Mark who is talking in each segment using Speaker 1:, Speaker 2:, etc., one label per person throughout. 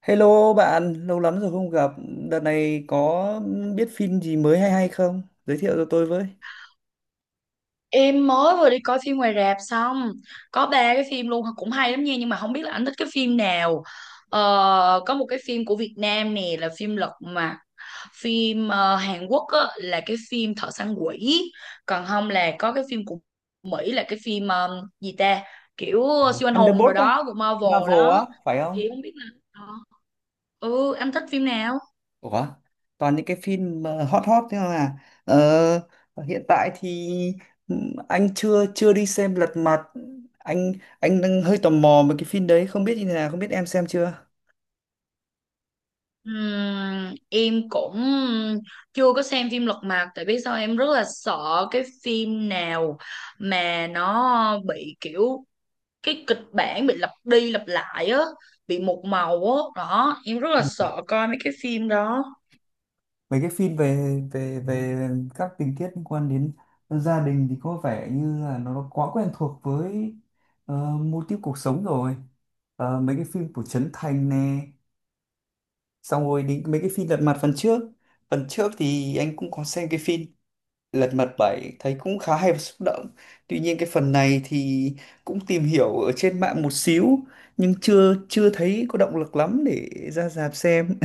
Speaker 1: Hello bạn, lâu lắm rồi không gặp. Đợt này có biết phim gì mới hay hay không? Giới thiệu cho tôi với.
Speaker 2: Em mới vừa đi coi phim ngoài rạp xong. Có ba cái phim luôn. Cũng hay lắm nha. Nhưng mà không biết là anh thích cái phim nào. ờ, Có một cái phim của Việt Nam nè. Là phim Lật Mặt. Phim Hàn Quốc á, là cái phim Thợ săn quỷ. Còn không là có cái phim của Mỹ. Là cái phim gì ta. Kiểu siêu anh hùng rồi
Speaker 1: Thunderbolt á,
Speaker 2: đó. Của
Speaker 1: phim
Speaker 2: Marvel
Speaker 1: Marvel
Speaker 2: đó.
Speaker 1: á, phải
Speaker 2: Thì
Speaker 1: không?
Speaker 2: không biết là, ờ, ừ anh thích phim nào.
Speaker 1: Ủa, toàn những cái phim hot hot thế mà. Hiện tại thì anh chưa chưa đi xem Lật Mặt. Anh anh đang hơi tò mò về cái phim đấy, không biết như thế nào, không biết em xem chưa?
Speaker 2: Em cũng chưa có xem phim Lật Mặt. Tại biết sao em rất là sợ cái phim nào mà nó bị kiểu cái kịch bản bị lặp đi lặp lại á, bị một màu á đó, em rất là sợ coi mấy cái phim đó.
Speaker 1: Mấy cái phim về về về các tình tiết liên quan đến gia đình thì có vẻ như là nó quá quen thuộc với mô típ cuộc sống rồi. Ờ, mấy cái phim của Trấn Thành nè, xong rồi đến mấy cái phim Lật Mặt phần trước. Phần trước thì anh cũng có xem cái phim Lật Mặt bảy, thấy cũng khá hay và xúc động. Tuy nhiên cái phần này thì cũng tìm hiểu ở trên mạng một xíu, nhưng chưa chưa thấy có động lực lắm để ra rạp xem.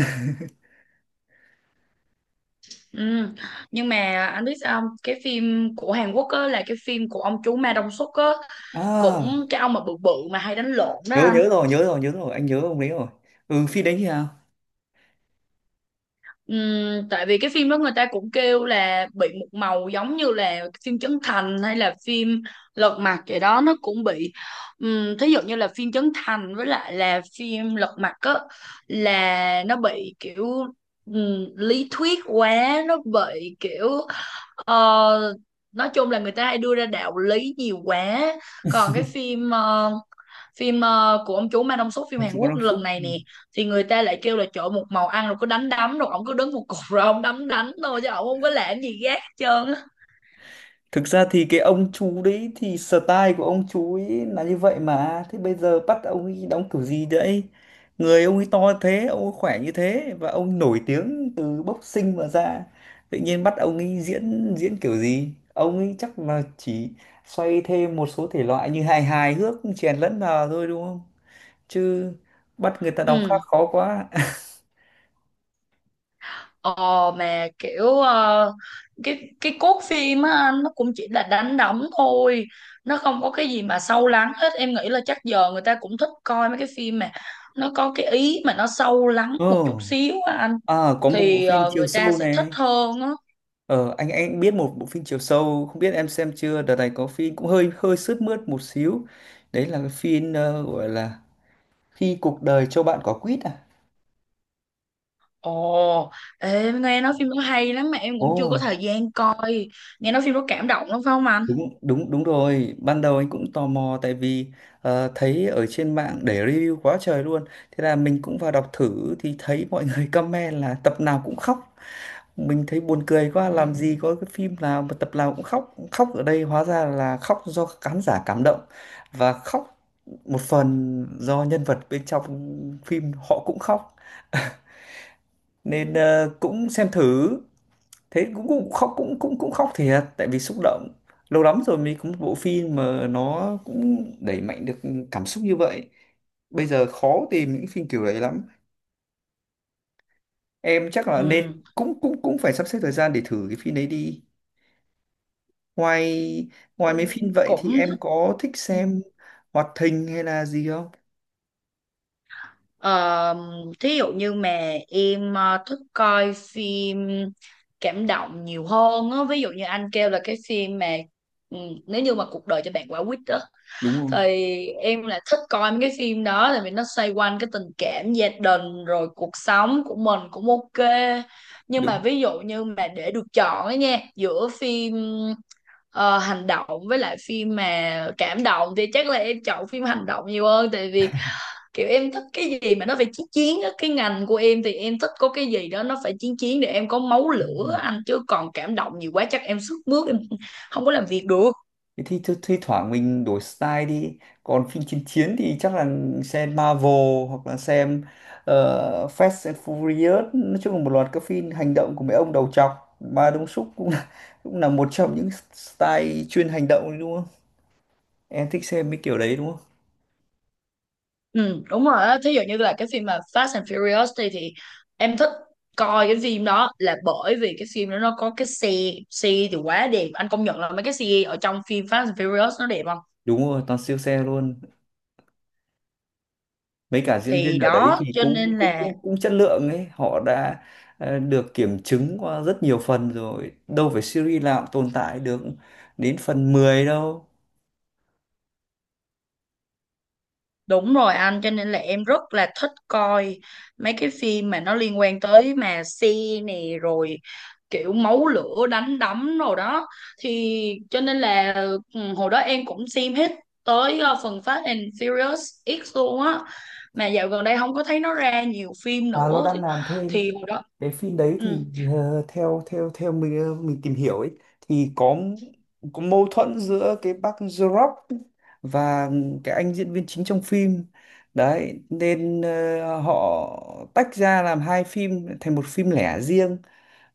Speaker 2: Ừm, nhưng mà anh biết sao không? Cái phim của Hàn Quốc á là cái phim của ông chú Ma Đông Xuất á, cũng
Speaker 1: À,
Speaker 2: cái ông mà bự bự mà hay đánh lộn đó
Speaker 1: nhớ
Speaker 2: anh.
Speaker 1: nhớ rồi, nhớ rồi, anh nhớ ông đấy rồi. Ừ, phim đấy như nào?
Speaker 2: Tại vì cái phim đó người ta cũng kêu là bị một màu giống như là phim Trấn Thành hay là phim Lật Mặt vậy đó, nó cũng bị, thí dụ như là phim Trấn Thành với lại là phim Lật Mặt á, là nó bị kiểu lý thuyết quá, nó bị kiểu ờ, nói chung là người ta hay đưa ra đạo lý nhiều quá. Còn cái phim phim của ông chú Ma Đông Xuất, phim
Speaker 1: Ông
Speaker 2: Hàn
Speaker 1: chú có
Speaker 2: Quốc
Speaker 1: ông
Speaker 2: lần
Speaker 1: súc.
Speaker 2: này
Speaker 1: Ừ.
Speaker 2: nè, thì người ta lại kêu là trời ơi, một màu ăn rồi cứ đánh đấm, rồi ổng cứ đứng một cục rồi ổng đấm đánh thôi chứ ổng không có làm gì gác hết trơn á.
Speaker 1: Thực ra thì cái ông chú đấy thì style của ông chú ấy là như vậy mà, thế bây giờ bắt ông ấy đóng kiểu gì đấy? Người ông ấy to thế, ông ấy khỏe như thế và ông nổi tiếng từ boxing mà ra. Tự nhiên bắt ông ấy diễn diễn kiểu gì? Ông ấy chắc là chỉ xoay thêm một số thể loại như hài hài hước chèn lẫn vào thôi, đúng không? Chứ bắt người ta đóng
Speaker 2: Ừ.
Speaker 1: khác khó quá.
Speaker 2: ờ mà kiểu cái cốt phim á anh, nó cũng chỉ là đánh đấm thôi. Nó không có cái gì mà sâu lắng hết. Em nghĩ là chắc giờ người ta cũng thích coi mấy cái phim mà nó có cái ý mà nó sâu lắng một chút
Speaker 1: Ồ,
Speaker 2: xíu á anh,
Speaker 1: à, có một bộ
Speaker 2: thì
Speaker 1: phim chiều
Speaker 2: người ta
Speaker 1: sâu
Speaker 2: sẽ thích
Speaker 1: này.
Speaker 2: hơn á.
Speaker 1: Ờ, anh biết một bộ phim chiều sâu, không biết em xem chưa? Đợt này có phim cũng hơi hơi sướt mướt một xíu. Đấy là cái phim gọi là Khi cuộc đời cho bạn quả quýt à?
Speaker 2: Ồ, ê, em nghe nói phim đó hay lắm mà em cũng chưa có
Speaker 1: Ồ.
Speaker 2: thời gian coi. Nghe nói phim đó cảm động lắm phải không anh?
Speaker 1: Đúng đúng đúng rồi, ban đầu anh cũng tò mò tại vì thấy ở trên mạng để review quá trời luôn. Thế là mình cũng vào đọc thử thì thấy mọi người comment là tập nào cũng khóc. Mình thấy buồn cười quá, làm gì có cái phim nào mà tập nào cũng khóc. Khóc ở đây hóa ra là khóc do khán giả cảm động, và khóc một phần do nhân vật bên trong phim họ cũng khóc. Nên cũng xem thử, thế cũng cũng khóc, cũng cũng cũng khóc thiệt tại vì xúc động. Lâu lắm rồi mới có một bộ phim mà nó cũng đẩy mạnh được cảm xúc như vậy. Bây giờ khó tìm những phim kiểu đấy lắm, em chắc là nên
Speaker 2: Ừ,
Speaker 1: cũng cũng cũng phải sắp xếp thời gian để thử cái phim đấy đi. Ngoài ngoài mấy phim
Speaker 2: em
Speaker 1: vậy thì
Speaker 2: cũng
Speaker 1: em
Speaker 2: thích.
Speaker 1: có thích
Speaker 2: Ừ.
Speaker 1: xem hoạt hình hay là gì không?
Speaker 2: Ờ, thí dụ như mà em thích coi phim cảm động nhiều hơn á. Ví dụ như anh kêu là cái phim mà, ừ, nếu như mà cuộc đời cho bạn quả quýt đó.
Speaker 1: Đúng không?
Speaker 2: Thì em lại thích coi mấy cái phim đó tại vì nó xoay quanh cái tình cảm gia đình rồi cuộc sống của mình cũng ok. Nhưng mà ví dụ như mà để được chọn ấy nha, giữa phim hành động với lại phim mà cảm động, thì chắc là em chọn phim hành động nhiều hơn, tại vì kiểu em thích cái gì mà nó phải chiến chiến á. Cái ngành của em thì em thích có cái gì đó nó phải chiến chiến để em có máu lửa
Speaker 1: Đúng.
Speaker 2: anh, chứ còn cảm động nhiều quá chắc em sức mướt em không có làm việc được.
Speaker 1: Thế thì thi thoảng mình đổi style đi. Còn phim chiến chiến thì chắc là xem Marvel hoặc là xem Fast and Furious, nói chung là một loạt các phim hành động của mấy ông đầu trọc. Ma Đông Súc cũng là một trong những style chuyên hành động đấy, đúng không? Em thích xem mấy kiểu đấy đúng không?
Speaker 2: Ừ, đúng rồi á. Thí dụ như là cái phim mà Fast and Furious, thì em thích coi cái phim đó là bởi vì cái phim đó nó có cái xe. Xe thì quá đẹp, anh công nhận là mấy cái xe ở trong phim Fast and Furious nó đẹp không.
Speaker 1: Đúng rồi, toàn siêu xe luôn. Mấy cả diễn viên
Speaker 2: Thì
Speaker 1: ở đấy
Speaker 2: đó
Speaker 1: thì
Speaker 2: cho
Speaker 1: cũng
Speaker 2: nên
Speaker 1: cũng
Speaker 2: là,
Speaker 1: cũng cũng chất lượng ấy, họ đã được kiểm chứng qua rất nhiều phần rồi, đâu phải series nào cũng tồn tại được đến phần 10 đâu.
Speaker 2: đúng rồi anh, cho nên là em rất là thích coi mấy cái phim mà nó liên quan tới mà xe nè rồi kiểu máu lửa đánh đấm rồi đó. Thì cho nên là, hồi đó em cũng xem hết tới phần Fast and Furious X luôn á. Mà dạo gần đây không có thấy nó ra nhiều phim
Speaker 1: À, nó
Speaker 2: nữa
Speaker 1: đang
Speaker 2: thì,
Speaker 1: làm thêm
Speaker 2: hồi đó.
Speaker 1: cái phim đấy
Speaker 2: Ừ.
Speaker 1: thì ờ, theo theo theo mình, mình tìm hiểu ấy thì có mâu thuẫn giữa cái bác Jorop và cái anh diễn viên chính trong phim đấy, nên họ tách ra làm hai phim thành một phim lẻ riêng.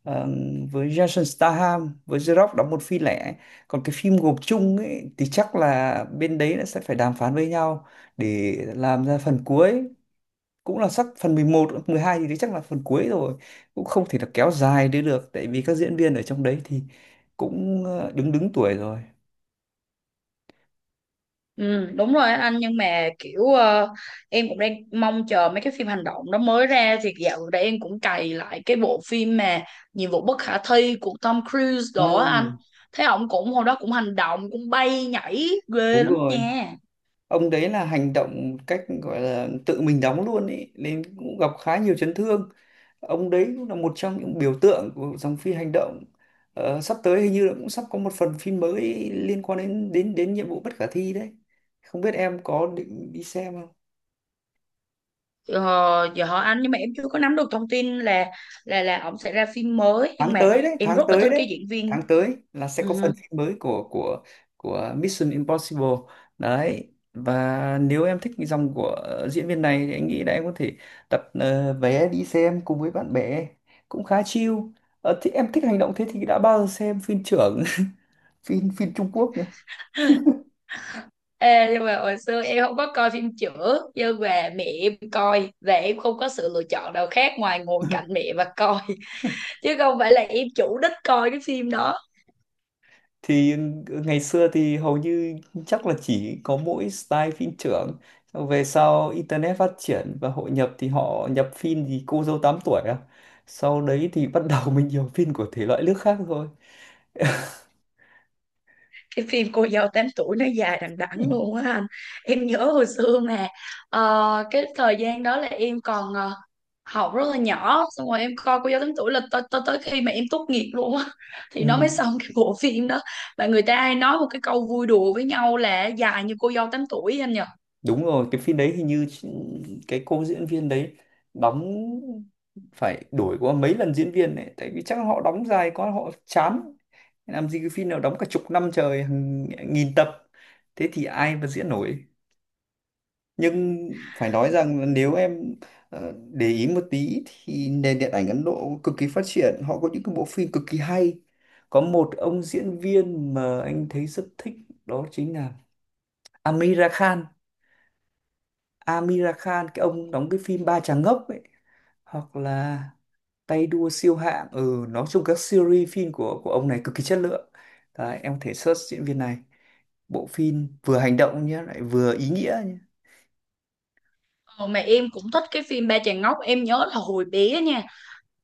Speaker 1: Ờ, với Jason Statham với Jorop đóng một phim lẻ, còn cái phim gộp chung ấy thì chắc là bên đấy nó sẽ phải đàm phán với nhau để làm ra phần cuối. Cũng là sắp phần mười một mười hai, thì đấy chắc là phần cuối rồi, cũng không thể là kéo dài đi được tại vì các diễn viên ở trong đấy thì cũng ờ, đứng đứng tuổi rồi.
Speaker 2: Ừ, đúng rồi á anh. Nhưng mà kiểu em cũng đang mong chờ mấy cái phim hành động nó mới ra. Thì dạo gần đây em cũng cày lại cái bộ phim mà nhiệm vụ bất khả thi của Tom Cruise
Speaker 1: À,
Speaker 2: đó á anh, thấy ổng cũng hồi đó cũng hành động cũng bay nhảy ghê
Speaker 1: đúng
Speaker 2: lắm
Speaker 1: rồi,
Speaker 2: nha.
Speaker 1: ông đấy là hành động một cách gọi là tự mình đóng luôn ý, nên cũng gặp khá nhiều chấn thương. Ông đấy cũng là một trong những biểu tượng của dòng phim hành động. Ờ, sắp tới hình như là cũng sắp có một phần phim mới liên quan đến đến đến nhiệm vụ bất khả thi đấy, không biết em có định đi xem.
Speaker 2: ờ, Giờ hỏi anh nhưng mà em chưa có nắm được thông tin là ổng sẽ ra phim mới, nhưng
Speaker 1: tháng
Speaker 2: mà
Speaker 1: tới đấy
Speaker 2: em
Speaker 1: tháng
Speaker 2: rất là
Speaker 1: tới
Speaker 2: thích
Speaker 1: đấy,
Speaker 2: cái diễn viên.
Speaker 1: tháng tới là sẽ có phần
Speaker 2: Ừ.
Speaker 1: phim mới của Mission Impossible đấy. Và nếu em thích cái dòng của diễn viên này thì anh nghĩ là em có thể đặt vé đi xem cùng với bạn bè, cũng khá chill. Ờ, thì em thích hành động, thế thì đã bao giờ xem phim trưởng phim phim Trung Quốc nhỉ?
Speaker 2: Ê, nhưng mà hồi xưa em không có coi phim chữa, nhưng mà mẹ em coi và em không có sự lựa chọn nào khác ngoài ngồi cạnh mẹ và coi, chứ không phải là em chủ đích coi cái phim đó.
Speaker 1: Thì ngày xưa thì hầu như chắc là chỉ có mỗi style phim trưởng. Xong về sau internet phát triển và hội nhập thì họ nhập phim gì cô dâu 8 tuổi à, sau đấy thì bắt đầu mình nhiều phim của thể loại nước khác thôi.
Speaker 2: Cái phim cô dâu tám tuổi nó dài đằng đẵng luôn á anh. Em nhớ hồi xưa mà cái thời gian đó là em còn học rất là nhỏ, xong rồi em coi cô dâu tám tuổi là tới tới tới khi mà em tốt nghiệp luôn á thì
Speaker 1: Ừ,
Speaker 2: nó mới xong cái bộ phim đó. Và người ta hay nói một cái câu vui đùa với nhau là dài như cô dâu tám tuổi anh nhỉ?
Speaker 1: đúng rồi, cái phim đấy hình như chị- cái cô diễn viên đấy đóng phải đổi qua mấy lần diễn viên đấy tại vì chắc họ đóng dài quá họ chán. Làm gì cái phim nào đóng cả chục năm trời, hàng nghìn tập, thế thì ai mà diễn nổi. Nhưng phải nói rằng nếu em để ý một tí thì nền điện ảnh Ấn Độ cực kỳ phát triển, họ có những cái bộ phim cực kỳ hay. Có một ông diễn viên mà anh thấy rất thích, đó chính là Amira Khan. Amira Khan, cái ông đóng cái phim Ba Chàng Ngốc ấy, hoặc là Tay Đua Siêu Hạng. Ừ, nói chung các series phim của ông này cực kỳ chất lượng. Đấy, em có thể search diễn viên này, bộ phim vừa hành động nhé, lại vừa ý nghĩa nhé.
Speaker 2: Ờ, mà em cũng thích cái phim Ba Chàng Ngốc. Em nhớ là hồi bé nha,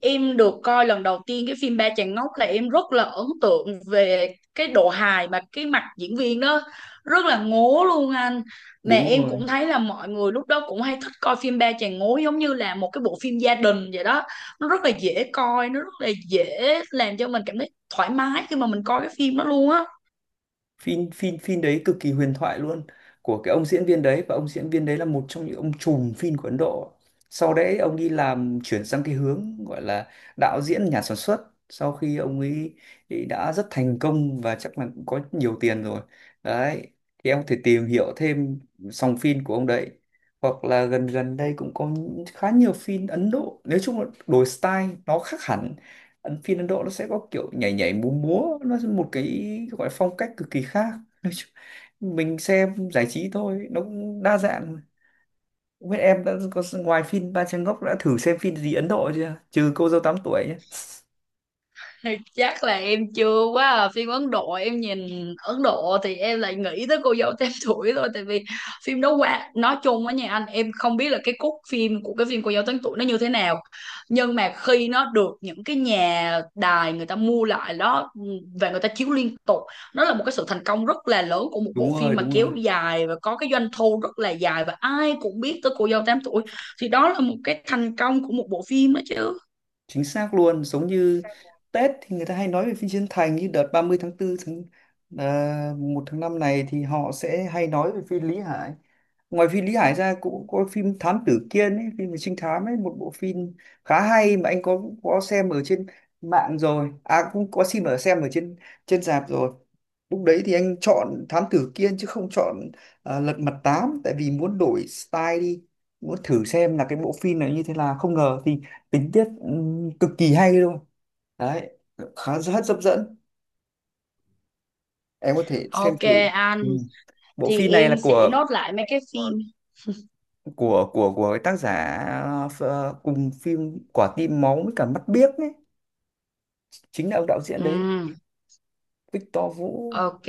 Speaker 2: em được coi lần đầu tiên cái phim Ba Chàng Ngốc là em rất là ấn tượng về cái độ hài, mà cái mặt diễn viên đó rất là ngố luôn anh. Mà
Speaker 1: Đúng
Speaker 2: em
Speaker 1: rồi,
Speaker 2: cũng thấy là mọi người lúc đó cũng hay thích coi phim Ba Chàng Ngố giống như là một cái bộ phim gia đình vậy đó. Nó rất là dễ coi, nó rất là dễ làm cho mình cảm thấy thoải mái khi mà mình coi cái phim đó luôn á.
Speaker 1: phim phim phim đấy cực kỳ huyền thoại luôn, của cái ông diễn viên đấy. Và ông diễn viên đấy là một trong những ông trùm phim của Ấn Độ. Sau đấy ông đi làm chuyển sang cái hướng gọi là đạo diễn, nhà sản xuất, sau khi ông ấy ấy đã rất thành công và chắc là cũng có nhiều tiền rồi. Đấy, thì em có thể tìm hiểu thêm dòng phim của ông đấy, hoặc là gần gần đây cũng có khá nhiều phim Ấn Độ. Nói chung là đổi style nó khác hẳn. Ấn, phim Ấn Độ nó sẽ có kiểu nhảy nhảy múa múa nó là một cái gọi là phong cách cực kỳ khác. Nói chung, mình xem giải trí thôi, nó cũng đa dạng. Không biết em đã có ngoài phim Ba Trang Ngốc đã thử xem phim gì Ấn Độ chưa, trừ cô dâu 8 tuổi nhé.
Speaker 2: Chắc là em chưa quá à. Phim Ấn Độ, em nhìn Ấn Độ thì em lại nghĩ tới cô dâu tám tuổi thôi, tại vì phim đó qua nói chung á nha anh. Em không biết là cái cốt phim của cái phim cô dâu tám tuổi nó như thế nào, nhưng mà khi nó được những cái nhà đài người ta mua lại đó, và người ta chiếu liên tục, nó là một cái sự thành công rất là lớn của một
Speaker 1: Đúng
Speaker 2: bộ
Speaker 1: rồi
Speaker 2: phim mà
Speaker 1: đúng
Speaker 2: kéo
Speaker 1: rồi
Speaker 2: dài và có cái doanh thu rất là dài, và ai cũng biết tới cô dâu tám tuổi. Thì đó là một cái thành công của một bộ phim đó chứ.
Speaker 1: chính xác luôn. Giống như Tết thì người ta hay nói về phim Chiến Thành, như đợt 30 tháng tư, 1 tháng 5 này thì họ sẽ hay nói về phim Lý Hải. Ngoài phim Lý Hải ra cũng có phim Thám Tử Kiên ấy, phim về trinh thám ấy, một bộ phim khá hay mà anh có xem ở trên mạng rồi, à cũng có xem ở trên trên rạp rồi. Lúc đấy thì anh chọn Thám Tử Kiên chứ không chọn, à, Lật Mặt Tám, tại vì muốn đổi style đi, muốn thử xem là cái bộ phim này như thế nào. Không ngờ thì tình tiết cực kỳ hay luôn. Đấy, khá rất hấp dẫn, em có thể xem
Speaker 2: Ok
Speaker 1: thử.
Speaker 2: anh,
Speaker 1: Ừ, bộ
Speaker 2: thì
Speaker 1: phim này là
Speaker 2: em sẽ
Speaker 1: của
Speaker 2: nốt lại mấy cái phim.
Speaker 1: của của của cái tác giả cùng phim Quả tim máu với cả Mắt biếc ấy, chính là ông đạo diễn đấy,
Speaker 2: Ừm,
Speaker 1: Victor Vũ.
Speaker 2: ok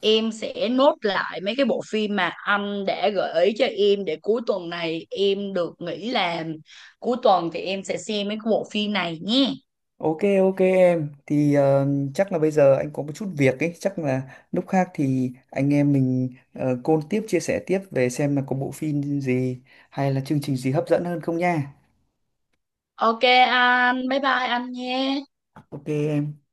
Speaker 2: em sẽ nốt lại mấy cái bộ phim mà anh đã gợi ý cho em, để cuối tuần này em được nghỉ làm, cuối tuần thì em sẽ xem mấy cái bộ phim này nhé.
Speaker 1: Ok, ok, em thì chắc là bây giờ anh có một chút việc ấy, chắc là lúc khác thì anh em mình call tiếp, chia sẻ tiếp về xem là có bộ phim gì hay là chương trình gì hấp dẫn hơn không nha.
Speaker 2: Ok anh bye bye anh nhé.
Speaker 1: Ok em.